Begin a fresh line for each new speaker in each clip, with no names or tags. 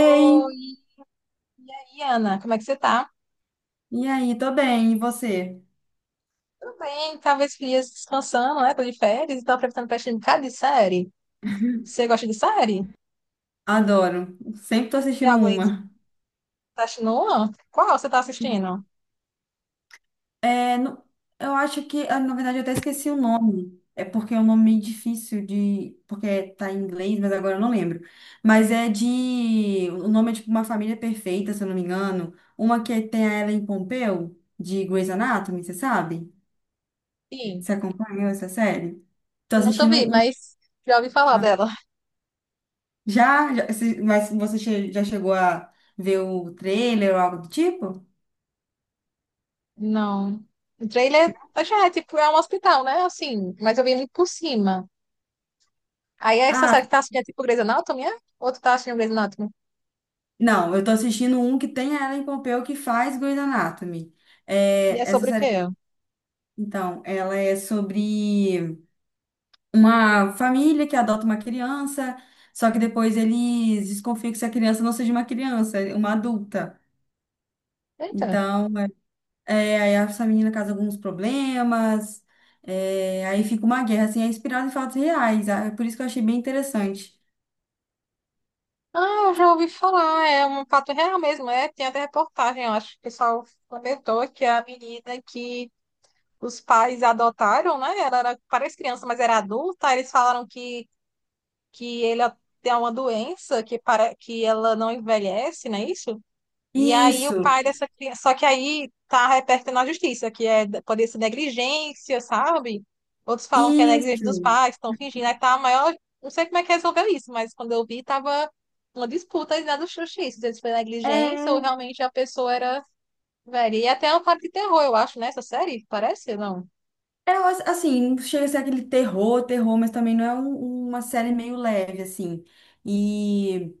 Ei,
e aí, Ana, como é que você tá?
e aí, tô bem, e você?
Tudo bem, talvez dias descansando, né? Tô de férias e tô aproveitando pra assistir um bocado de série. Você gosta de série?
Adoro. Sempre tô
Tem
assistindo
alguém que você
uma.
tá assistindo uma? Qual você tá assistindo?
Sim. É, no- eu acho que, ah, na verdade, eu até esqueci o nome. É porque é um nome meio difícil de. Porque tá em inglês, mas agora eu não lembro. Mas é de. O nome é tipo Uma Família Perfeita, se eu não me engano. Uma que tem a Ellen Pompeu, de Grey's Anatomy, você sabe?
Sim,
Você acompanhou essa série? Tô
nunca
assistindo
vi,
uma.
mas já ouvi falar dela.
Já? Mas você já chegou a ver o trailer ou algo do tipo?
Não. O trailer, já é tipo, é um hospital, né? Assim, mas eu vi muito por cima. Aí essa
Ah,
série que tá assistindo é tipo Grey's Anatomy, é? Ou tu tá assistindo Grey's Anatomy?
Não, eu tô assistindo um que tem a Ellen Pompeo que faz Grey's Anatomy.
E
É,
é
essa
sobre o
série,
quê?
então, ela é sobre uma família que adota uma criança, só que depois eles desconfiam que essa criança não seja uma criança, é uma adulta.
Eita.
Então, aí essa menina causa alguns problemas, aí fica uma guerra, assim, é inspirada em fatos reais, ah, é por isso que eu achei bem interessante.
Ah, eu já ouvi falar, é um fato real mesmo, é. Tem até reportagem, eu acho que o pessoal comentou que a menina que os pais adotaram, né? Ela era, parece criança, mas era adulta, eles falaram que ele tem uma doença que, para, que ela não envelhece, não é isso? E aí o
Isso,
pai dessa criança, só que aí tá repercutindo na justiça, que é pode ser negligência, sabe? Outros falam que é negligência
isso.
dos pais, estão fingindo, aí tá a maior, não sei como é que resolveu isso, mas quando eu vi tava uma disputa aí na do justiça, se foi negligência ou
É,
realmente a pessoa era velha. E até é uma parte de terror, eu acho, nessa série, parece, não?
É, assim, não chega a ser aquele terror, terror, mas também não é uma série meio leve, assim. E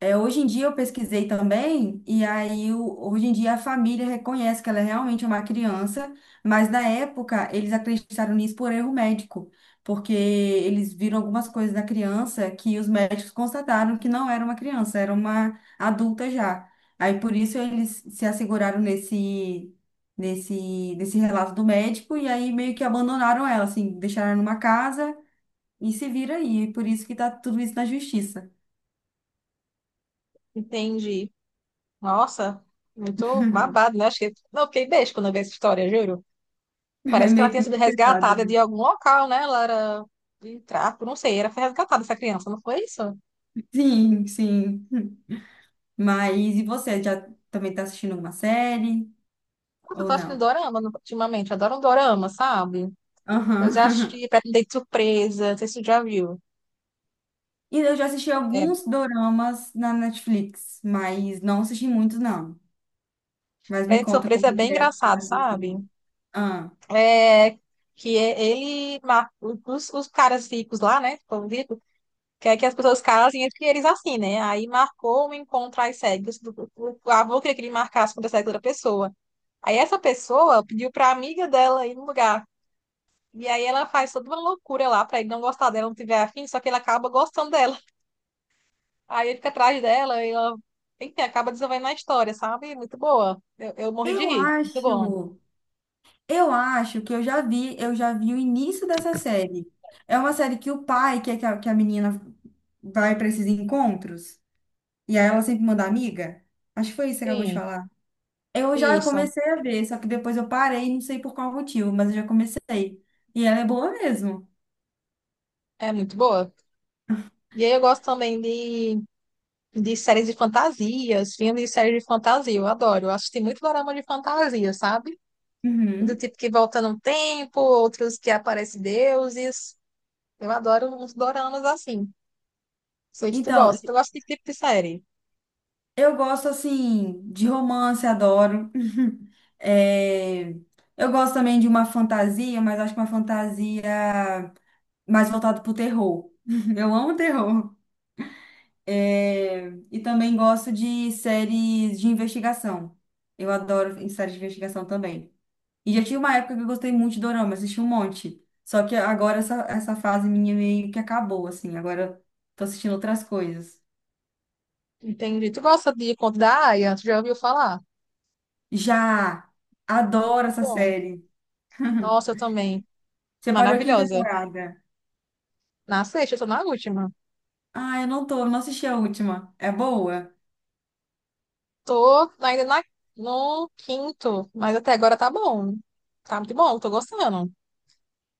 é, hoje em dia eu pesquisei também, hoje em dia a família reconhece que ela é realmente uma criança, mas na época eles acreditaram nisso por erro médico, porque eles viram algumas coisas na criança que os médicos constataram que não era uma criança, era uma adulta já. Aí por isso eles se asseguraram nesse relato do médico, e aí meio que abandonaram ela, assim, deixaram ela numa casa e se vira aí. Por isso que tá tudo isso na justiça.
Entendi. Nossa, muito babado, né? Acho que não fiquei beijo quando eu vi essa história, juro.
É
Parece que ela
meio
tinha
meio
sido
pesado,
resgatada
né?
de algum local, né? Ela era de tráfico, não sei, era foi resgatada essa criança, não foi isso?
Sim, sim. Mas e você, já também tá assistindo alguma série
Nossa, eu
ou
tô achando
não?
dorama no- ultimamente, eu adoro um dorama, sabe? Eu já
Aham.
assisti Pretendente Surpresa, não sei se você já viu.
E eu já assisti
É,
alguns doramas na Netflix, mas não assisti muitos, não. Mas me
Pretendente
conta como
Surpresa é bem
que é que você
engraçado,
tá
sabe?
assistindo. Ah,
É, que é- ele, ma- os caras ricos lá, né? O povo rico, quer que as pessoas casem entre eles assim, né? Aí marcou um encontro às cegas, do- o avô queria que ele marcasse com a cega da outra pessoa. Aí essa pessoa pediu pra amiga dela ir no lugar. E aí ela faz toda uma loucura lá pra ele não gostar dela, não tiver afim, só que ele acaba gostando dela. Aí ele fica atrás dela e ela, enfim, acaba desenvolvendo a história, sabe? Muito boa. Eu morri de
eu
rir. Muito bom.
acho, eu acho que eu já vi o início dessa série. É uma série que o pai, que, é que a menina vai para esses encontros, e aí ela sempre manda amiga. Acho que foi isso que você acabou de
Sim,
falar. Eu já
isso.
comecei a ver, só que depois eu parei, não sei por qual motivo, mas eu já comecei. E ela é boa mesmo.
É muito boa. E aí eu gosto também de séries de fantasias, filmes e séries de fantasia. Eu adoro. Eu assisti muito dorama de fantasia, sabe? Do
Uhum.
tipo que volta no tempo, outros que aparecem deuses. Eu adoro uns doramas assim. Sei que tu
Então,
gosta. Tu gosta de que tipo de série?
eu gosto assim de romance, adoro. É, eu gosto também de uma fantasia, mas acho que uma fantasia mais voltada pro terror. Eu amo terror. É, e também gosto de séries de investigação. Eu adoro séries de investigação também. E já tinha uma época que eu gostei muito de dorama, assisti um monte. Só que agora essa fase minha meio que acabou, assim. Agora tô assistindo outras coisas.
Entendi. Tu gosta de Conto da Aia? Tu já ouviu falar?
Já! Adoro
Muito
essa
bom.
série.
Nossa, eu também.
Você parou aqui em
Maravilhosa.
temporada?
Na sexta, eu tô na última.
Ah, eu não tô, não assisti a última. É boa?
Tô ainda na, no quinto, mas até agora tá bom. Tá muito bom, tô gostando.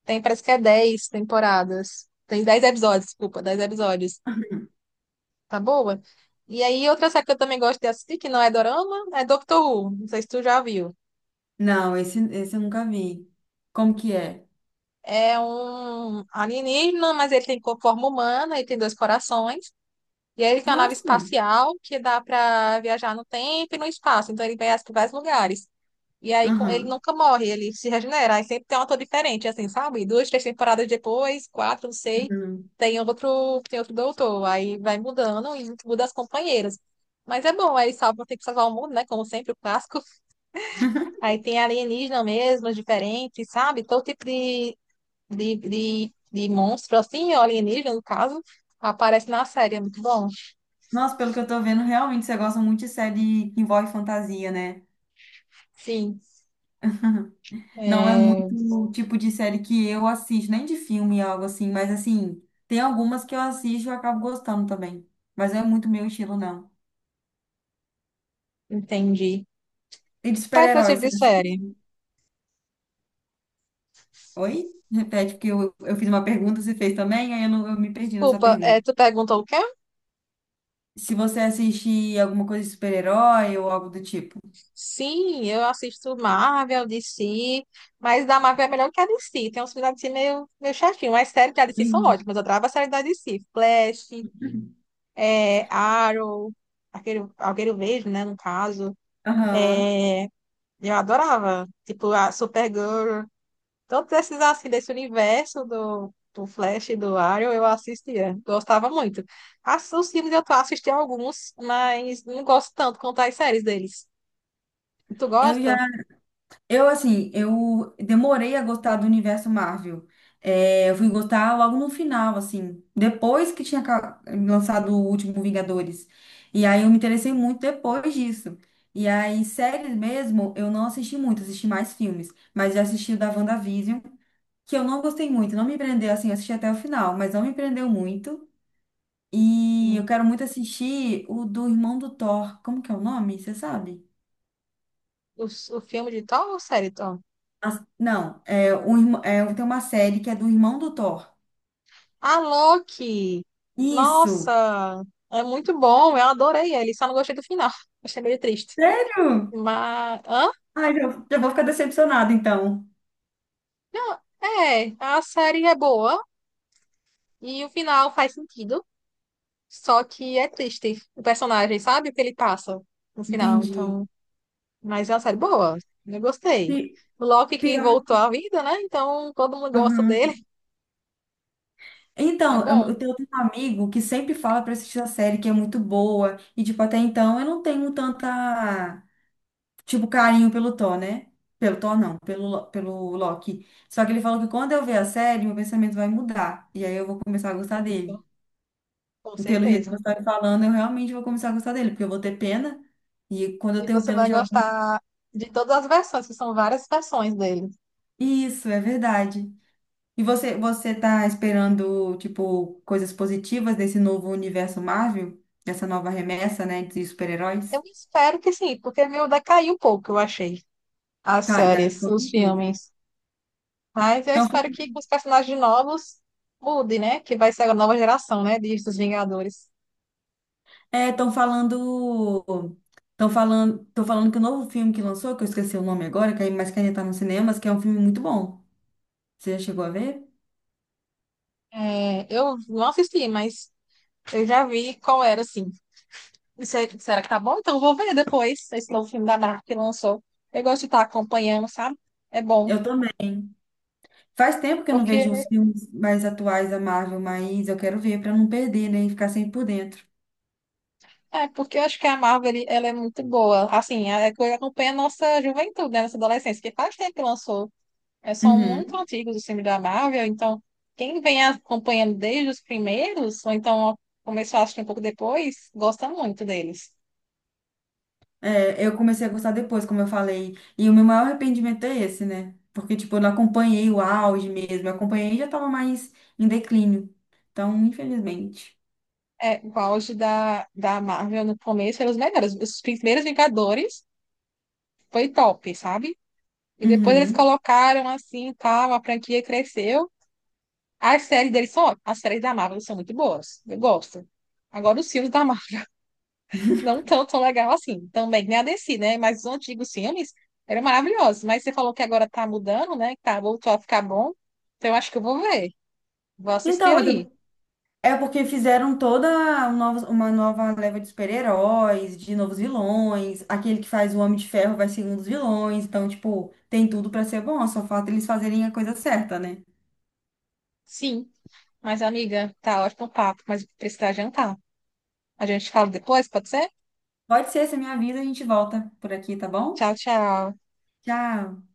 Tem, parece que é 10 temporadas. Tem 10 episódios, desculpa, 10 episódios. Tá boa? E aí, outra série que eu também gosto de assistir, que não é dorama, é Doctor Who. Não sei se tu já viu.
Não, esse eu nunca vi. Como que é?
É um alienígena, mas ele tem co- forma humana, ele tem 2 corações. E aí ele tem uma nave
Nossa!
espacial que dá para viajar no tempo e no espaço. Então ele vai para vários lugares. E aí com- ele
Aham.
nunca morre, ele se regenera. Aí sempre tem um ator diferente, assim, sabe? Duas, três temporadas depois, quatro, não sei.
Uhum.
Tem outro doutor. Aí vai mudando e muda as companheiras. Mas é bom, aí salva, tem que salvar o mundo, né? Como sempre, o clássico. Aí tem alienígena mesmo, diferente, sabe? Todo tipo de de monstro, assim, ou alienígena, no caso, aparece na série. É muito bom.
Nossa, pelo que eu tô vendo, realmente você gosta muito de série que envolve fantasia, né?
Sim,
Não é muito
é,
o tipo de série que eu assisto, nem de filme, algo assim, mas assim, tem algumas que eu assisto e eu acabo gostando também. Mas não é muito meu estilo, não.
entendi.
E de
Qual é teu tipo
super-heróis, você
de série?
assiste? Oi? Repete, porque eu fiz uma pergunta, você fez também, aí eu, não, eu me perdi na sua
Desculpa, é,
pergunta.
tu perguntou o quê?
Se você assiste alguma coisa de super-herói ou algo do tipo.
Sim, eu assisto Marvel, DC, mas da Marvel é melhor que a DC. Tem uns filmes da DC meio, meio chatinho, mas séries da DC são
Sim.
ótimas. Eu adoro a série da DC. Flash, é, Arrow, aquele, aquele vejo, né, no caso.
Aham.
É, eu adorava. Tipo, a Supergirl. Todos esses, assim, desse universo do, do Flash e do Arrow, eu assistia. Gostava muito. As- Os filmes eu tô assistindo alguns, mas não gosto tanto quanto as séries deles. Tu
Eu
gosta?
já Eu, assim, eu demorei a gostar do universo Marvel. É, eu fui gostar logo no final, assim, depois que tinha lançado o último Vingadores. E aí eu me interessei muito depois disso. E aí, séries mesmo, eu não assisti muito, assisti mais filmes. Mas já assisti o da WandaVision, que eu não gostei muito, não me prendeu, assim, eu assisti até o final, mas não me prendeu muito. E eu
Hum.
quero muito assistir o do irmão do Thor. Como que é o nome? Você sabe?
O filme de Thor ou série Thor?
Não, é, um, é, tem uma série que é do irmão do Thor.
A Loki!
Isso!
Nossa! É muito bom, eu adorei ele, só não gostei do final. Achei meio triste.
Sério?
Mas... Hã?
Ai, já vou ficar decepcionada, então.
Não, é, a série é boa e o final faz sentido. Só que é triste o personagem, sabe? O que ele passa no final.
Entendi.
Então, mas é uma série boa. Eu gostei.
Pi-
O Loki que
Pior.
voltou à vida, né? Então todo mundo gosta dele.
Aham.
É
Então, eu
bom.
tenho um amigo que sempre fala pra assistir a série que é muito boa. E, tipo, até então eu não tenho tanta, tipo, carinho pelo Thor, né? Pelo Thor, não, pelo Loki. Só que ele falou que quando eu ver a série, meu pensamento vai mudar. E aí eu vou começar a gostar dele.
Isso, com
E pelo jeito que você
certeza.
está me falando, eu realmente vou começar a gostar dele, porque eu vou ter pena. E quando eu
E
tenho
você
pena
vai
de alguém.
gostar de todas as versões, que são várias versões dele.
Isso, é verdade. E você tá esperando, tipo, coisas positivas desse novo universo Marvel? Dessa nova remessa, né, de
Eu
super-heróis?
espero que sim, porque meu decaiu um pouco, eu achei. As
Tá, dá,
séries,
com
os
certeza.
filmes. Mas eu
Então,
espero que com os personagens novos mude, né? Que vai ser a nova geração, né? De dos Vingadores.
é, estão falando. Estão falando que o novo filme que lançou, que eu esqueci o nome agora, mas que ainda tá nos cinemas, que é um filme muito bom. Você já chegou a ver?
É, eu não assisti, mas eu já vi qual era, assim. E se- Será que tá bom? Então eu vou ver depois esse novo filme da Marvel que lançou. Eu gosto de estar acompanhando, sabe? É bom.
Eu também. Faz tempo que eu não
Porque,
vejo os filmes mais atuais da Marvel, mas eu quero ver para não perder, né? E ficar sempre por dentro.
é, porque eu acho que a Marvel, ele- ela é muito boa. Assim, é é que acompanha a nossa juventude, né? Nossa adolescência, que faz tempo que lançou. É, são muito
Uhum.
antigos os filmes da Marvel, então quem vem acompanhando desde os primeiros, ou então começou a assistir um pouco depois, gosta muito deles.
É, eu comecei a gostar depois, como eu falei. E o meu maior arrependimento é esse, né? Porque, tipo, eu não acompanhei o auge mesmo. Eu acompanhei e já tava mais em declínio. Então, infelizmente.
É, o auge da, da Marvel no começo eram os melhores. Os primeiros Vingadores foi top, sabe? E depois eles
Uhum.
colocaram assim tal, a franquia cresceu. As séries deles são ótimas. As séries da Marvel são muito boas. Eu gosto. Agora, os filmes da Marvel não tão tão legal assim. Também nem a DC, né? Mas os antigos filmes eram maravilhosos. Mas você falou que agora tá mudando, né? Que tá, voltou a ficar bom. Então, eu acho que eu vou ver. Vou assistir
Então,
aí.
é porque fizeram toda uma nova leva de super-heróis, de novos vilões. Aquele que faz o Homem de Ferro vai ser um dos vilões. Então, tipo, tem tudo pra ser bom. Só falta eles fazerem a coisa certa, né?
Sim. Mas, amiga, tá ótimo o papo, mas precisa jantar. A gente fala depois, pode ser?
Pode ser, você me avisa, a gente volta por aqui, tá bom?
Tchau, tchau.
Tchau.